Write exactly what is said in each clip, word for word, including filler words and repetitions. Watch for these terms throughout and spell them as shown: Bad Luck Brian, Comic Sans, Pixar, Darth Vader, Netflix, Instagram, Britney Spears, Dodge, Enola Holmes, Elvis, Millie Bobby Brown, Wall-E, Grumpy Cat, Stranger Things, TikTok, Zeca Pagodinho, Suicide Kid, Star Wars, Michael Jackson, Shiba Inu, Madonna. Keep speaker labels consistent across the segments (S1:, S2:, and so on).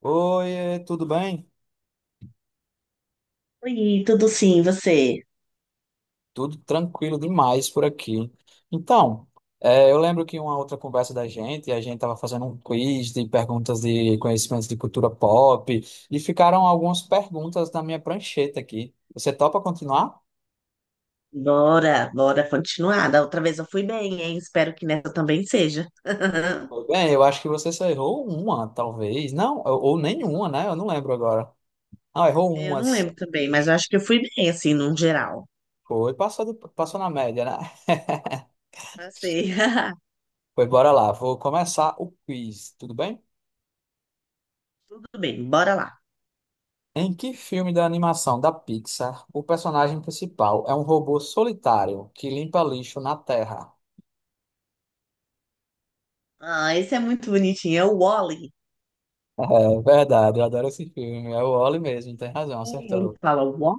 S1: Oi, tudo bem?
S2: Oi, tudo sim, você?
S1: Tudo tranquilo demais por aqui. Então, eh, eu lembro que uma outra conversa da gente, a gente estava fazendo um quiz de perguntas de conhecimentos de cultura pop e ficaram algumas perguntas na minha prancheta aqui. Você topa continuar?
S2: Bora, bora continuar. Da outra vez eu fui bem, hein? Espero que nessa também seja.
S1: Tudo bem, eu acho que você só errou uma, talvez. Não, ou ou nenhuma, né? Eu não lembro agora. Não, errou
S2: Eu
S1: uma.
S2: não
S1: Só.
S2: lembro também, mas eu acho que eu fui bem, assim, num geral.
S1: Foi, passou, de- passou na média, né?
S2: Eu sei.
S1: Pois bora lá, vou começar o quiz, tudo bem?
S2: Tudo bem, bora lá.
S1: Em que filme da animação da Pixar o personagem principal é um robô solitário que limpa lixo na Terra?
S2: Ah, esse é muito bonitinho, é o Wall-E.
S1: É verdade, eu adoro esse filme. É o Wall-E mesmo, tem razão,
S2: É, ele
S1: acertou.
S2: fala Wall.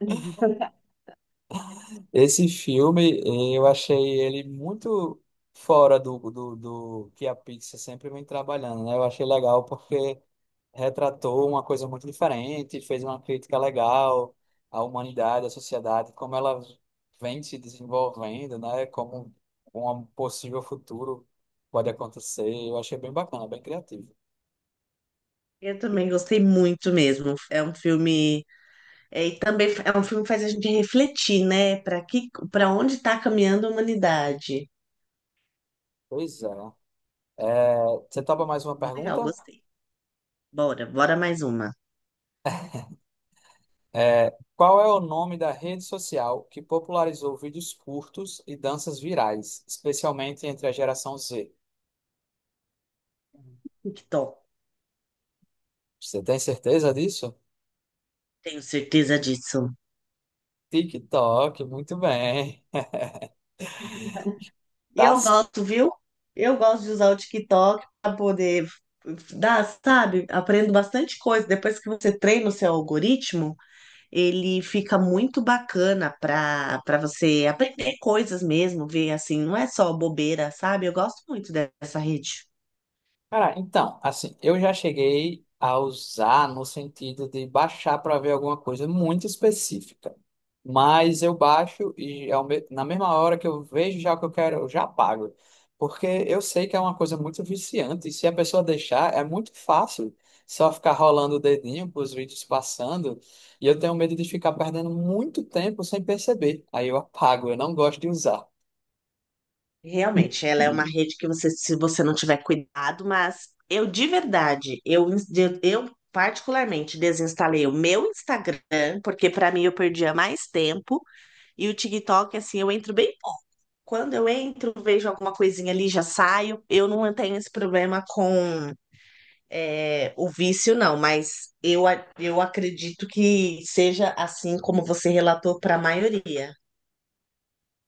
S1: Esse filme, eu achei ele muito fora do, do, do que a Pixar sempre vem trabalhando, né? Eu achei legal porque retratou uma coisa muito diferente, fez uma crítica legal à humanidade, à sociedade, como ela vem se desenvolvendo, né? Como um possível futuro pode acontecer. Eu achei bem bacana, bem criativo.
S2: Eu também gostei muito mesmo. É um filme, é, e também é um filme que faz a gente refletir, né? Para que, para onde está caminhando a humanidade?
S1: Pois é. É, você topa mais uma
S2: Legal,
S1: pergunta?
S2: gostei. Bora, bora mais uma.
S1: É, qual é o nome da rede social que popularizou vídeos curtos e danças virais, especialmente entre a geração Z?
S2: TikTok.
S1: Você tem certeza disso?
S2: Tenho certeza disso.
S1: TikTok, muito bem.
S2: E
S1: Tá.
S2: eu gosto, viu? Eu gosto de usar o TikTok para poder dar, sabe? Aprendo bastante coisa. Depois que você treina o seu algoritmo, ele fica muito bacana para para você aprender coisas mesmo, ver assim, não é só bobeira, sabe? Eu gosto muito dessa rede.
S1: Cara, então, assim, eu já cheguei a usar no sentido de baixar para ver alguma coisa muito específica. Mas eu baixo e ao me- na mesma hora que eu vejo já o que eu quero, eu já pago. Porque eu sei que é uma coisa muito viciante e se a pessoa deixar, é muito fácil só ficar rolando o dedinho para os vídeos passando. E eu tenho medo de ficar perdendo muito tempo sem perceber. Aí eu apago, eu não gosto de usar.
S2: Realmente, ela é uma rede que você, se você não tiver cuidado, mas eu de verdade, eu, ins- de- eu particularmente desinstalei o meu Instagram, porque para mim eu perdia mais tempo, e o TikTok, assim, eu entro bem pouco. Quando eu entro, vejo alguma coisinha ali, já saio. Eu não tenho esse problema com é, o vício, não, mas eu, a- eu acredito que seja assim como você relatou para a maioria.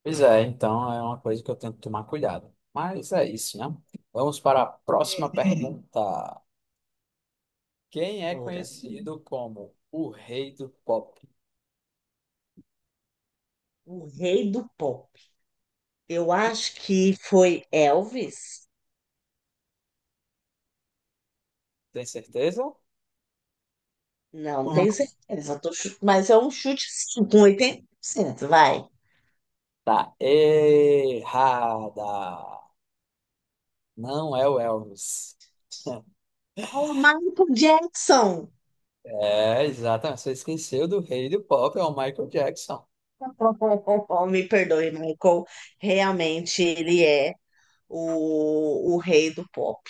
S1: Pois é, então é uma coisa que eu tento tomar cuidado. Mas é isso, né? Vamos para a próxima
S2: É.
S1: pergunta. Quem é
S2: Ora,
S1: conhecido como o rei do pop?
S2: o rei do pó. Eu acho que foi Elvis.
S1: Tem certeza?
S2: Não tenho certeza, tô chu- mas é um chute sim, com oitenta por cento, vai.
S1: Tá errada. Não é o Elvis.
S2: O Michael Jackson.
S1: É, exatamente. Você esqueceu do rei do pop, é o Michael Jackson.
S2: Me perdoe, Michael. Realmente ele é o, o rei do pop.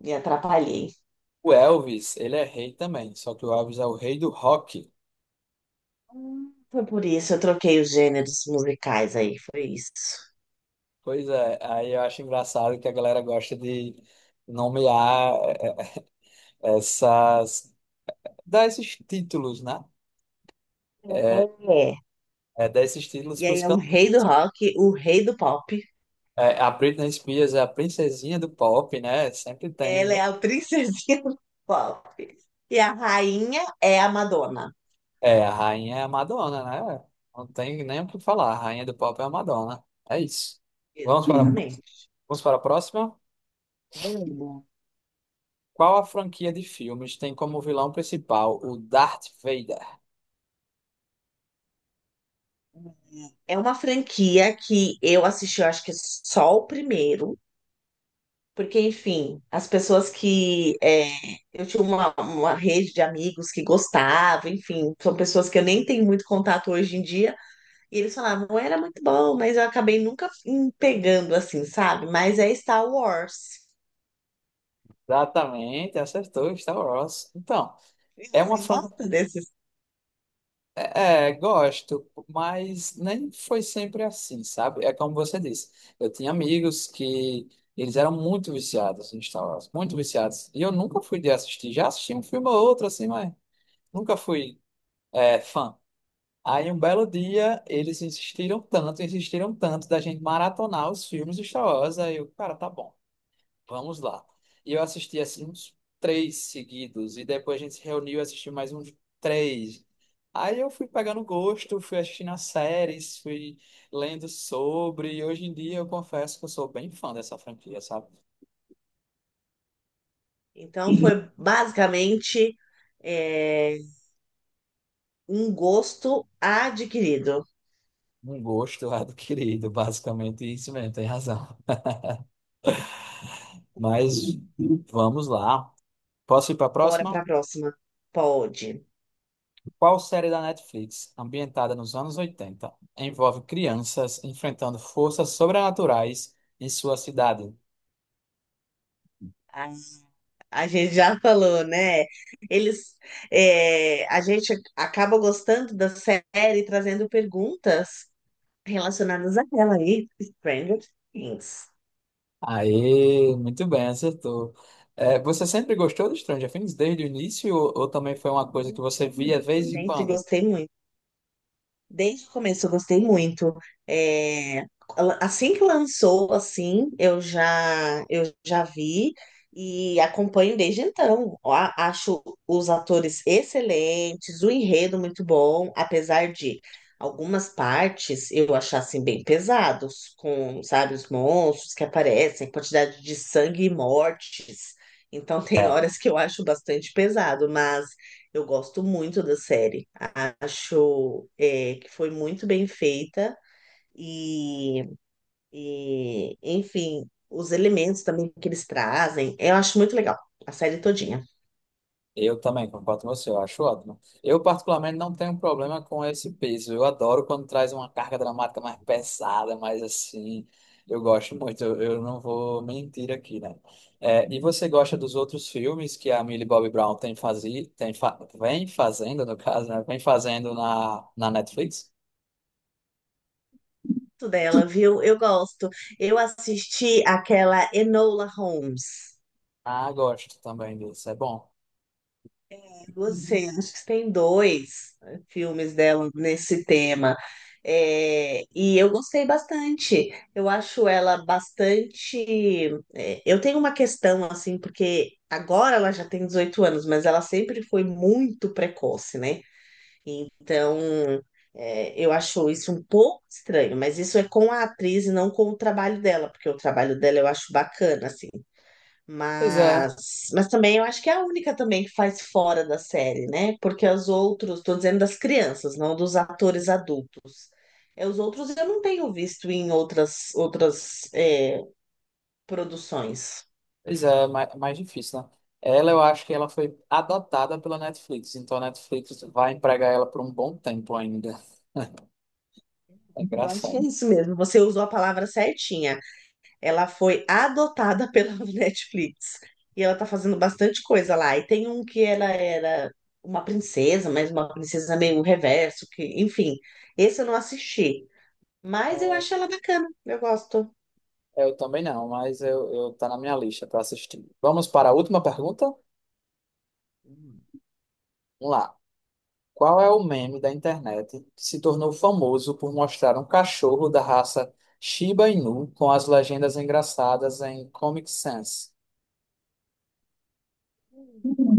S2: Me atrapalhei.
S1: O Elvis, ele é rei também, só que o Elvis é o rei do rock.
S2: Hum, Foi por isso eu troquei os gêneros musicais aí, foi isso.
S1: Pois é, aí eu acho engraçado que a galera gosta de nomear é, essas, dar esses títulos, né?
S2: É.
S1: É, dar esses títulos
S2: E
S1: para
S2: aí
S1: os
S2: é o
S1: cantores.
S2: rei do rock, o rei do pop.
S1: A Britney Spears é a princesinha do pop, né? Sempre
S2: Ela
S1: tem.
S2: é a princesinha do pop. E a rainha é a Madonna.
S1: É, a rainha é a Madonna, né? Não tem nem o que falar. A rainha do pop é a Madonna. É isso. Vamos para, Sim.
S2: Exatamente.
S1: Vamos para a próxima.
S2: Mano,
S1: Qual a franquia de filmes tem como vilão principal o Darth Vader?
S2: é uma franquia que eu assisti, eu acho que só o primeiro, porque, enfim, as pessoas que. é, eu tinha uma, uma rede de amigos que gostavam, enfim, são pessoas que eu nem tenho muito contato hoje em dia, e eles falavam, era muito bom, mas eu acabei nunca em- pegando assim, sabe? Mas é Star Wars.
S1: Exatamente, acertou Star Wars. Então,
S2: E
S1: é
S2: você
S1: uma fran
S2: gosta desses?
S1: É, gosto, mas nem foi sempre assim, sabe? É como você disse, eu tinha amigos que eles eram muito viciados em Star Wars, muito viciados, e eu nunca fui de assistir, já assisti um filme ou outro assim, mas nunca fui é, fã. Aí um belo dia eles insistiram tanto, insistiram tanto da gente maratonar os filmes de Star Wars, aí eu, cara, tá bom. Vamos lá. E eu assisti assim uns três seguidos. E depois a gente se reuniu e assistiu mais uns três. Aí eu fui pegando gosto, fui assistindo as séries, fui lendo sobre. E hoje em dia eu confesso que eu sou bem fã dessa franquia, sabe?
S2: Então, foi basicamente é, um gosto adquirido.
S1: Um gosto adquirido, basicamente isso mesmo, tem razão. Mas vamos lá. Posso ir para a
S2: Bora para
S1: próxima?
S2: a próxima. Pode.
S1: Qual série da Netflix, ambientada nos anos oitenta, envolve crianças enfrentando forças sobrenaturais em sua cidade?
S2: A, a gente já falou, né? Eles, é, a gente acaba gostando da série, trazendo perguntas relacionadas a ela aí, Stranger Things.
S1: Aí, muito bem, acertou. É, você sempre gostou do Stranger Things desde o início ou, ou também foi uma coisa que você via de
S2: Isso,
S1: vez em
S2: sempre
S1: quando?
S2: gostei muito. Desde o começo eu gostei muito. É, assim que lançou, assim, eu já eu já vi e acompanho desde então. Ó, A- acho os atores excelentes, o enredo muito bom, apesar de algumas partes eu achar assim bem pesados, com, sabe, os monstros que aparecem, quantidade de sangue e mortes. Então tem
S1: É,
S2: horas que eu acho bastante pesado, mas eu gosto muito da série. Acho é, que foi muito bem feita e, e, enfim, os elementos também que eles trazem, eu acho muito legal a série todinha.
S1: eu também concordo com você, eu acho ótimo. Eu, particularmente, não tenho problema com esse peso. Eu adoro quando traz uma carga dramática mais pesada, mais assim. Eu gosto muito, eu, eu não vou mentir aqui, né? É, e você gosta dos outros filmes que a Millie Bobby Brown tem fazi, tem fa- vem fazendo, no caso, né? Vem fazendo na, na Netflix?
S2: Gosto dela, viu? Eu gosto. Eu assisti aquela Enola Holmes.
S1: Ah, gosto também disso, é bom.
S2: Você, acho que tem dois, né, filmes dela nesse tema. É, e eu gostei bastante. Eu acho ela bastante. É, eu tenho uma questão, assim, porque agora ela já tem dezoito anos, mas ela sempre foi muito precoce, né? Então, é, eu acho isso um pouco estranho, mas isso é com a atriz e não com o trabalho dela, porque o trabalho dela eu acho bacana, assim.
S1: Pois é,
S2: Mas, mas também eu acho que é a única também que faz fora da série, né? Porque os outros, tô dizendo das crianças, não dos atores adultos. É, os outros eu não tenho visto em outras, outras é, produções.
S1: pois é, mais, mais difícil, né? Ela, eu acho que ela foi adotada pela Netflix, então a Netflix vai empregar ela por um bom tempo ainda. É
S2: Eu acho que é
S1: engraçado.
S2: isso mesmo. Você usou a palavra certinha. Ela foi adotada pela Netflix. E ela tá fazendo bastante coisa lá. E tem um que ela era uma princesa, mas uma princesa meio reverso, que, enfim, esse eu não assisti. Mas eu acho ela bacana, eu gosto.
S1: É, eu também não, mas eu, eu tá na minha lista para assistir. Vamos para a última pergunta? Vamos lá. Qual é o meme da internet que se tornou famoso por mostrar um cachorro da raça Shiba Inu com as legendas engraçadas em Comic Sans?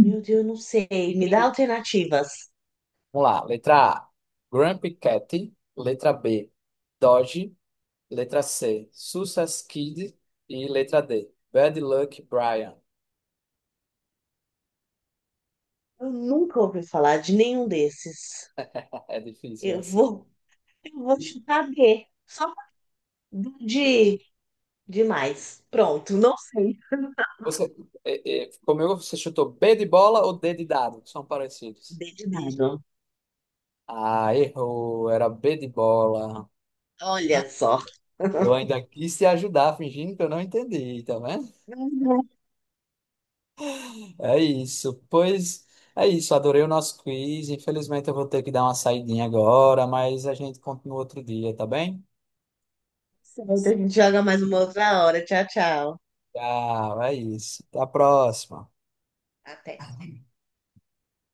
S2: Meu Deus, eu não sei. Me dá alternativas.
S1: Vamos lá. Letra A, Grumpy Cat. Letra B, Dodge. Letra C, Suicide Kid. E letra D, Bad Luck Brian.
S2: Eu nunca ouvi falar de nenhum desses.
S1: É difícil
S2: Eu
S1: assim.
S2: vou, eu vou chutar bê. Só de demais. Pronto, não sei.
S1: Você, é, é, comigo você chutou B de bola ou D de dado? Que são parecidos.
S2: dê de nada.
S1: Ah, errou. Era B de bola.
S2: Olha só.
S1: Eu ainda quis te ajudar, fingindo que eu não entendi, tá vendo? É isso. Pois é isso. Adorei o nosso quiz. Infelizmente eu vou ter que dar uma saidinha agora, mas a gente continua outro dia, tá bem?
S2: Certo, a gente joga mais uma outra hora. Tchau, tchau.
S1: Tchau, é isso. Até a próxima.
S2: Até.